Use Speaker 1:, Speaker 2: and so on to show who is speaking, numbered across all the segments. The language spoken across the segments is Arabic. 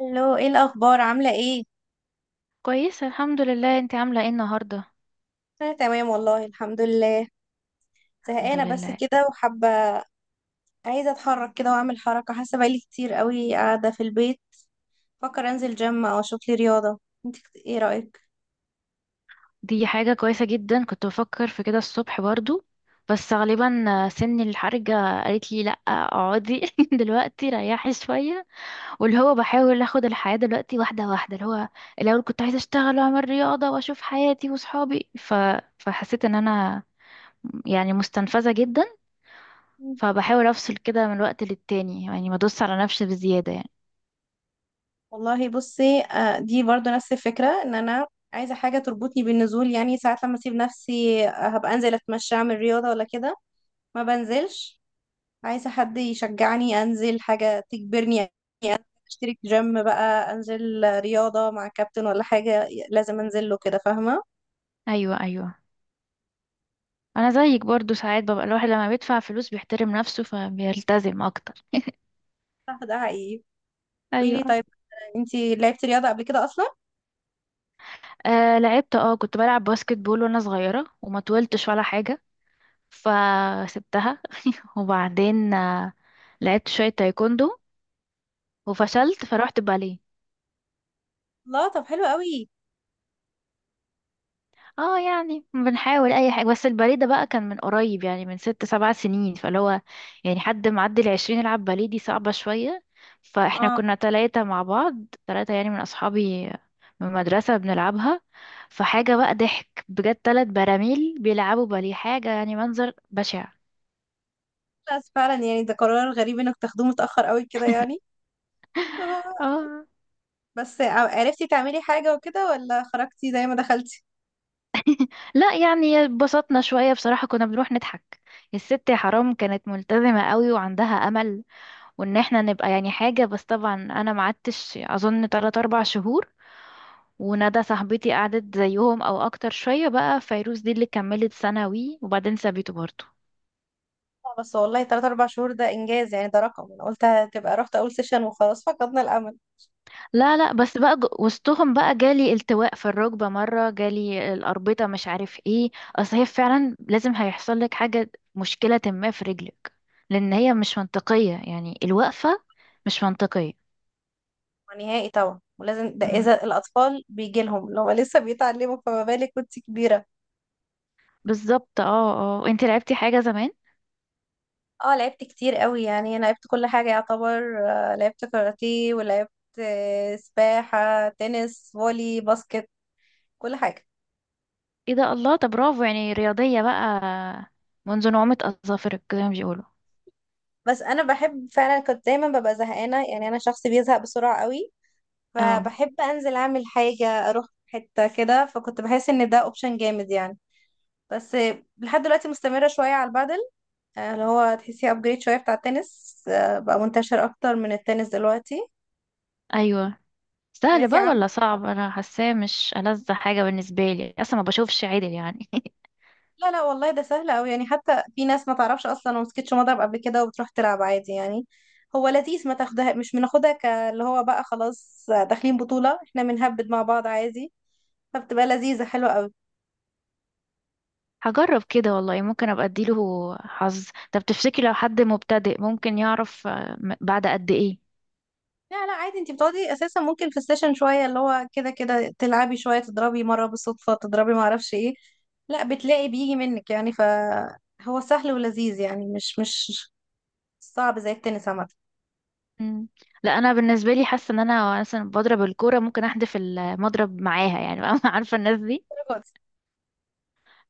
Speaker 1: الو، ايه الاخبار؟ عامله ايه؟
Speaker 2: كويسة الحمد لله. انت عاملة ايه النهاردة؟
Speaker 1: انا تمام والله الحمد لله.
Speaker 2: الحمد
Speaker 1: زهقانه بس
Speaker 2: لله.
Speaker 1: كده وحابه. عايزه اتحرك كده واعمل حركه، حاسه بقالي كتير قوي قاعده في البيت. فكر انزل جيم او اشوف لي رياضه. انت ايه رايك؟
Speaker 2: دي حاجة كويسة جدا، كنت بفكر في كده الصبح برضو، بس غالبا سن الحرجة قالت لي لأ اقعدي دلوقتي ريحي شوية، واللي هو بحاول اخد الحياة دلوقتي واحدة واحدة، اللي هو الأول كنت عايزة اشتغل واعمل رياضة واشوف حياتي وصحابي فحسيت ان انا يعني مستنفذة جدا.
Speaker 1: مم.
Speaker 2: فبحاول افصل كده من وقت للتاني، يعني ما ادوس على نفسي بزيادة يعني.
Speaker 1: والله بصي، دي برضو نفس الفكره، ان انا عايزه حاجه تربطني بالنزول. يعني ساعات لما اسيب نفسي، هبقى انزل اتمشى اعمل رياضه ولا كده ما بنزلش. عايزة حد يشجعني أنزل، حاجة تجبرني. يعني أشترك جيم بقى أنزل رياضة مع كابتن، ولا حاجة لازم أنزل له كده، فاهمة؟
Speaker 2: ايوه، انا زيك برضو، ساعات ببقى الواحد لما بيدفع فلوس بيحترم نفسه فبيلتزم اكتر.
Speaker 1: صح ده حقيقي. قولي لي
Speaker 2: ايوه.
Speaker 1: طيب، انتي لعبتي رياضة قبل كده أصلا؟
Speaker 2: آه لعبت، اه كنت بلعب باسكت بول وانا صغيرة وما طولتش ولا حاجة فسبتها، وبعدين آه لعبت شوية تايكوندو وفشلت فروحت باليه.
Speaker 1: لا طب حلو قوي.
Speaker 2: اه يعني بنحاول اي حاجة، بس الباليه ده بقى كان من قريب، يعني من ست سبع سنين، فاللي هو يعني حد معدي العشرين يلعب باليه دي صعبة شوية. فاحنا
Speaker 1: اه
Speaker 2: كنا تلاتة مع بعض، تلاتة يعني من اصحابي من المدرسة بنلعبها، فحاجة بقى ضحك بجد، تلات براميل بيلعبوا باليه، حاجة يعني منظر بشع.
Speaker 1: بس فعلا يعني ده قرار غريب انك تاخدوه متأخر قوي كده يعني. آه،
Speaker 2: اه.
Speaker 1: بس عرفتي تعملي حاجة وكده ولا خرجتي زي ما دخلتي؟
Speaker 2: لا يعني اتبسطنا شوية بصراحة، كنا بنروح نضحك، الست يا حرام كانت ملتزمة قوي وعندها امل وان احنا نبقى يعني حاجة، بس طبعا انا ما قعدتش اظن 3 4 شهور، وندى صاحبتي قعدت زيهم او اكتر شوية، بقى فيروز دي اللي كملت ثانوي وبعدين سابته برضه.
Speaker 1: آه، بس والله 3 4 شهور ده إنجاز يعني. ده رقم، أنا قلت هتبقى رحت أول سيشن وخلاص فقدنا الأمل
Speaker 2: لا بس بقى وسطهم بقى جالي التواء في الركبة، مرة جالي الأربطة مش عارف ايه. اصل هي فعلا لازم هيحصل لك حاجة، مشكلة ما في رجلك، لان هي مش منطقية، يعني الوقفة مش منطقية.
Speaker 1: نهائي. طبعا ولازم ده
Speaker 2: مم.
Speaker 1: اذا الاطفال بيجي لهم لو لسه بيتعلموا، فما بالك وانت كبيره.
Speaker 2: بالظبط اه. اه انت لعبتي حاجة زمان؟
Speaker 1: اه، لعبت كتير قوي يعني، انا لعبت كل حاجه يعتبر. لعبت كاراتيه، ولعبت سباحه، تنس، فولي، باسكت. كل حاجه.
Speaker 2: ايه ده، الله، طب برافو يعني، رياضية بقى منذ نعومة أظافرك زي ما بيقولوا.
Speaker 1: بس انا بحب فعلا، كنت دايما ببقى زهقانه يعني. انا شخص بيزهق بسرعه قوي،
Speaker 2: اه.
Speaker 1: فبحب انزل اعمل حاجه اروح حته كده. فكنت بحس ان ده اوبشن جامد يعني. بس لحد دلوقتي مستمره شويه على البادل، اللي هو تحسيه ابجريد شويه بتاع التنس. بقى منتشر اكتر من التنس دلوقتي.
Speaker 2: ايوه. سهل
Speaker 1: سمعتي
Speaker 2: بقى
Speaker 1: عنه؟
Speaker 2: ولا صعب؟ انا حاساه مش ألذ حاجة بالنسبة لي، اصلا ما بشوفش عدل يعني
Speaker 1: لا لا والله ده سهل قوي يعني. حتى في ناس ما تعرفش اصلا ومسكتش مضرب قبل كده، وبتروح تلعب عادي يعني. هو لذيذ، ما تاخدها، مش بناخدها، اللي هو بقى خلاص داخلين بطوله احنا، بنهبد مع بعض عادي. فبتبقى لذيذه حلوه قوي.
Speaker 2: هجرب كده والله، ممكن ابقى اديله حظ. طب تفتكري لو حد مبتدئ ممكن يعرف بعد قد ايه؟
Speaker 1: لا لا، عادي، انتي بتقعدي اساسا ممكن في السيشن شويه، اللي هو كده كده تلعبي شويه، تضربي مره بالصدفه، تضربي ما اعرفش ايه. لا بتلاقي بيجي منك يعني، ف... هو سهل ولذيذ يعني، مش صعب زي التنس عامة.
Speaker 2: مم. لا انا بالنسبة لي حاسة ان انا مثلا بضرب الكورة ممكن احدف المضرب معاها يعني عارفة الناس دي؟
Speaker 1: الدرجة دي؟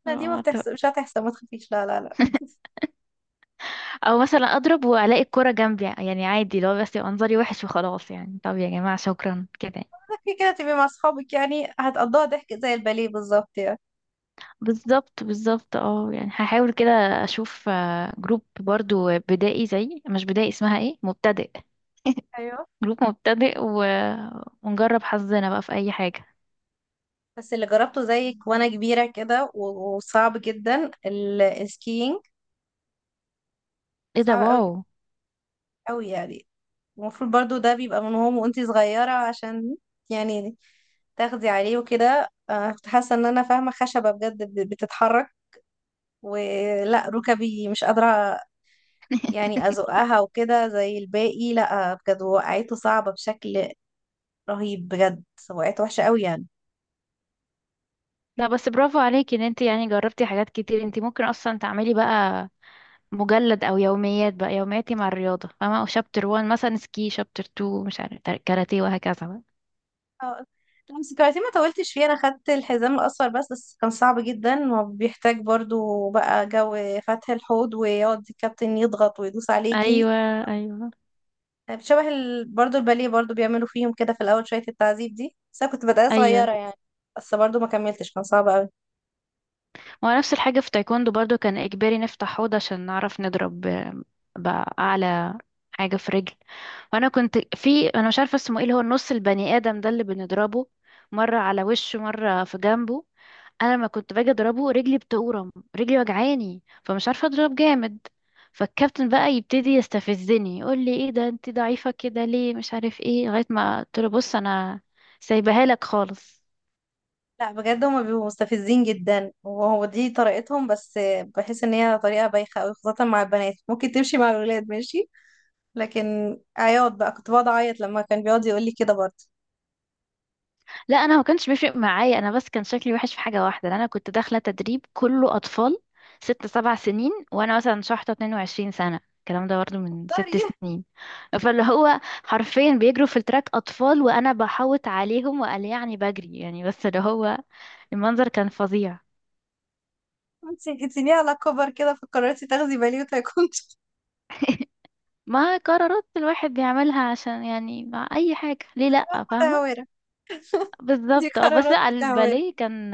Speaker 1: لا دي ما
Speaker 2: اه طب.
Speaker 1: بتحسب، مش هتحسب، ما تخافيش، لا لا لا.
Speaker 2: او مثلا اضرب والاقي الكرة جنبي، يعني عادي لو بس يبقى منظري وحش وخلاص يعني، طب يا جماعة شكرا كده.
Speaker 1: كده كده تبقي مع اصحابك يعني، هتقضوها ضحك زي الباليه بالظبط يعني.
Speaker 2: بالظبط اه، يعني هحاول كده، اشوف جروب برضو بدائي، زي مش بدائي، اسمها ايه، مبتدئ.
Speaker 1: ايوه،
Speaker 2: جروب مبتدئ ونجرب حظنا بقى في اي حاجة.
Speaker 1: بس اللي جربته زيك وانا كبيرة كده وصعب جدا السكينج.
Speaker 2: ايه ده،
Speaker 1: صعب قوي،
Speaker 2: واو.
Speaker 1: قوي يعني. المفروض برضو ده بيبقى من هو وانتي صغيرة عشان يعني تاخدي عليه وكده. كنت حاسة ان انا فاهمة خشبة بجد بتتحرك، ولا ركبي مش قادرة يعني أزقها وكده زي الباقي. لأ بجد، وقعته صعبة بشكل رهيب بجد. وقعت وحشة قوي يعني.
Speaker 2: لا بس برافو عليكي ان انت يعني جربتي حاجات كتير، انت ممكن اصلا تعملي بقى مجلد او يوميات، بقى يومياتي مع الرياضة فاهمة، او شابتر 1 مثلا سكي، شابتر 2 مش عارف كاراتيه، وهكذا بقى.
Speaker 1: اه، لمس الكاراتيه ما طولتش فيه. أنا خدت الحزام الأصفر بس كان صعب جدا، وبيحتاج برضو بقى جو فتح الحوض، ويقعد الكابتن يضغط ويدوس عليكي.
Speaker 2: ايوه ايوه
Speaker 1: طيب شبه برضو الباليه. برضو بيعملوا فيهم كده في الأول شوية التعذيب دي، بس أنا كنت بداية
Speaker 2: ايوه
Speaker 1: صغيرة يعني. بس برضو ما كملتش، كان صعب قوي.
Speaker 2: هو نفس الحاجه في تايكوندو برضو، كان اجباري نفتح حوض عشان نعرف نضرب باعلى حاجه في رجل، وانا كنت في، انا مش عارفه اسمه ايه، اللي هو النص البني ادم ده اللي بنضربه مره على وشه مره في جنبه. انا لما كنت باجي اضربه رجلي بتورم، رجلي وجعاني فمش عارفه اضرب جامد. فالكابتن بقى يبتدي يستفزني، يقول لي ايه ده انت ضعيفه كده ليه مش عارف ايه، لغايه ما قلت له بص انا سايبها لك خالص.
Speaker 1: لا بجد، هما بيبقوا مستفزين جدا، وهو دي طريقتهم بس. بحس ان هي طريقة بايخة قوي، خاصة مع البنات. ممكن تمشي مع الولاد ماشي، لكن عياط بقى، كنت بقعد اعيط لما كان بيقعد يقول لي كده برضه.
Speaker 2: لا انا ما كانش بيفرق معايا انا، بس كان شكلي وحش في حاجه واحده، إن انا كنت داخله تدريب كله اطفال ست سبع سنين، وانا مثلا شحطه 22 سنه، الكلام ده برضه من ست
Speaker 1: سوري.
Speaker 2: سنين، فاللي هو حرفيا بيجروا في التراك اطفال وانا بحوط عليهم وقال يعني بجري يعني، بس اللي هو المنظر كان فظيع.
Speaker 1: انت جيتيني على كبر كده، فقررتي تاخدي باليوتا كنت
Speaker 2: ما قرارات الواحد بيعملها عشان يعني مع اي حاجه، ليه لا فاهمه؟
Speaker 1: متهورة. دي
Speaker 2: بالظبط اه. بس
Speaker 1: قرارات
Speaker 2: لا
Speaker 1: متهورة.
Speaker 2: الباليه كان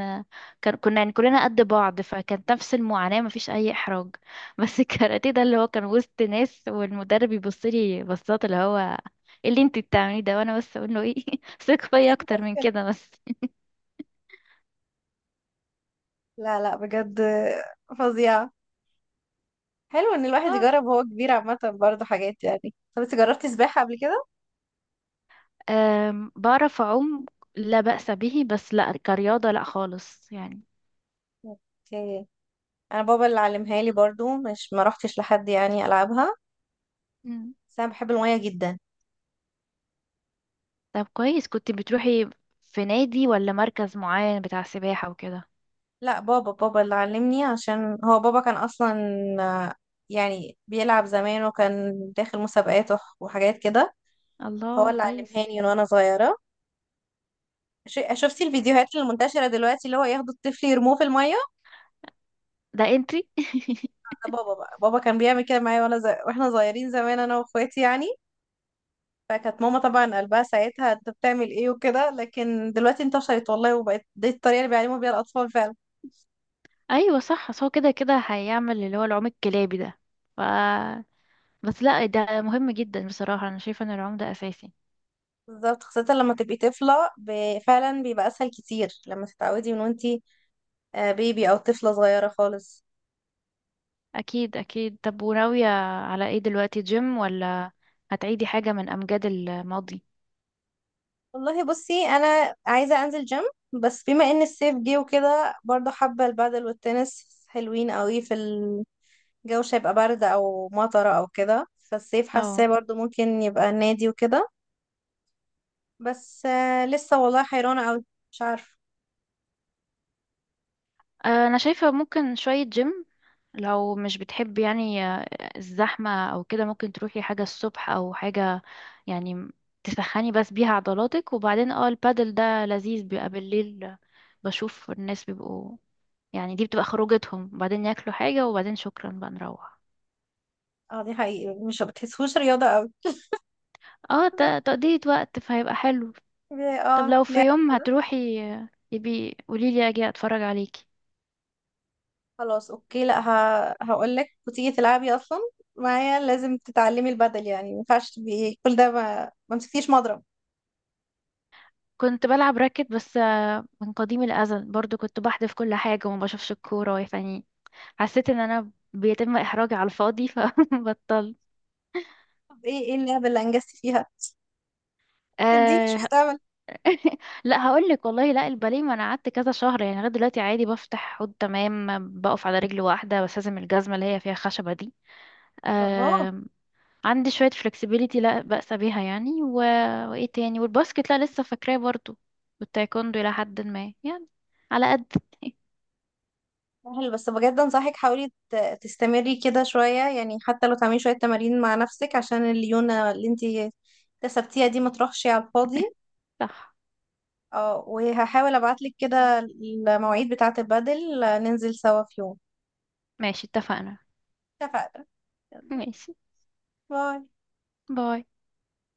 Speaker 2: كان كنا يعني كلنا قد بعض، فكانت نفس المعاناة مفيش أي إحراج بس الكاراتيه ده اللي هو كان وسط ناس، والمدرب يبص لي بصات، اللي هو إيه اللي انتي بتعمليه ده، وانا بس اقول له ايه ثق فيا اكتر من كده بس.
Speaker 1: لا لا بجد، فظيعة. حلو ان الواحد
Speaker 2: اه.
Speaker 1: يجرب وهو كبير عامة برضه حاجات يعني. طب انت جربتي سباحة قبل كده؟
Speaker 2: بعرف اعوم لا بأس به، بس لا كرياضة لا خالص يعني.
Speaker 1: اوكي. انا بابا اللي علمها لي برضو، مش ما روحتش لحد يعني العبها.
Speaker 2: مم.
Speaker 1: بس انا بحب المية جدا.
Speaker 2: طب كويس. كنت بتروحي في نادي ولا مركز معين بتاع سباحة وكده؟
Speaker 1: لا، بابا بابا اللي علمني، عشان هو بابا كان اصلا آه، يعني بيلعب زمان، وكان داخل مسابقات وحاجات كده. هو
Speaker 2: الله،
Speaker 1: اللي
Speaker 2: كويس.
Speaker 1: علمهاني من وانا صغيرة. شفتي الفيديوهات المنتشرة دلوقتي اللي هو ياخدوا الطفل يرموه في المية؟
Speaker 2: ده انتي.
Speaker 1: ده بابا بقى. بابا كان بيعمل كده معايا وانا واحنا صغيرين زمان انا واخواتي يعني. فكانت ماما طبعا قلبها ساعتها، انت بتعمل ايه وكده. لكن دلوقتي انتشرت والله، وبقت دي الطريقة اللي بيعلموا بيها الاطفال فعلا.
Speaker 2: ايوه صح، بس هو كده كده هيعمل اللي هو العوم الكلابي ده، ف، بس لا ده مهم جدا بصراحة، انا شايفة ان العوم ده اساسي.
Speaker 1: بالظبط، خاصة لما تبقي طفلة فعلا بيبقى أسهل كتير لما تتعودي من وانتي بيبي أو طفلة صغيرة خالص.
Speaker 2: اكيد. طب وناوية على ايه دلوقتي؟ جيم، ولا هتعيدي حاجة من امجاد الماضي؟
Speaker 1: والله بصي، أنا عايزة أنزل جيم، بس بما إن الصيف جه وكده برضه حابة البادل والتنس، حلوين قوي في الجو. مش هيبقى برد أو مطرة أو كده، فالصيف حاساه
Speaker 2: اه
Speaker 1: برضه ممكن يبقى نادي وكده. بس لسه والله حيرانة أوي، مش عارفة.
Speaker 2: انا شايفة ممكن شوية جيم، لو مش بتحبي يعني الزحمة او كده، ممكن تروحي حاجة الصبح او حاجة يعني، تسخني بس بيها عضلاتك، وبعدين اه البادل ده لذيذ بيبقى بالليل، بشوف الناس بيبقوا يعني دي بتبقى خروجتهم، وبعدين ياكلوا حاجة وبعدين شكرا بقى نروح.
Speaker 1: اه دي حقيقي، مش بتحسوش رياضة أوي.
Speaker 2: اه تقضية وقت، فهيبقى حلو.
Speaker 1: لا
Speaker 2: طب
Speaker 1: اه
Speaker 2: لو في
Speaker 1: لا.
Speaker 2: يوم هتروحي يبي قوليلي اجي اتفرج عليكي.
Speaker 1: خلاص اوكي، لا، هقول لك وتيجي تلعبي اصلا معايا. لازم تتعلمي البدل يعني، ما ينفعش تبقي كل ده ما مسكتيش مضرب.
Speaker 2: كنت بلعب راكت بس من قديم الأزل برضو كنت بحذف كل حاجة وما بشوفش الكورة يعني، حسيت ان انا بيتم احراجي على الفاضي فبطلت.
Speaker 1: طب ايه اللعبه اللي انجزتي فيها؟ اديني شويه
Speaker 2: آه.
Speaker 1: امل.
Speaker 2: لا هقول لك والله، لا الباليه، ما انا قعدت كذا شهر يعني، لغايه دلوقتي عادي بفتح حوض تمام، بقف على رجل واحده بس لازم الجزمه اللي هي فيها خشبه دي
Speaker 1: طب اه،
Speaker 2: آه، عندي شوية flexibility لا بأس بيها يعني، وايه تاني، والباسكت لا لسه فاكراه برضو، والتايكوندو إلى حد ما يعني، على قد.
Speaker 1: سهل بس بجد انصحك حاولي تستمري كده شويه يعني، حتى لو تعملي شويه تمارين مع نفسك عشان الليونه اللي انت كسبتيها دي ما تروحش على الفاضي.
Speaker 2: صح.
Speaker 1: اه، وهحاول ابعتلك كده المواعيد بتاعه البدل، ننزل سوا في يوم.
Speaker 2: ماشي، اتفقنا.
Speaker 1: اتفقنا. يلا،
Speaker 2: ماشي.
Speaker 1: باي.
Speaker 2: باي.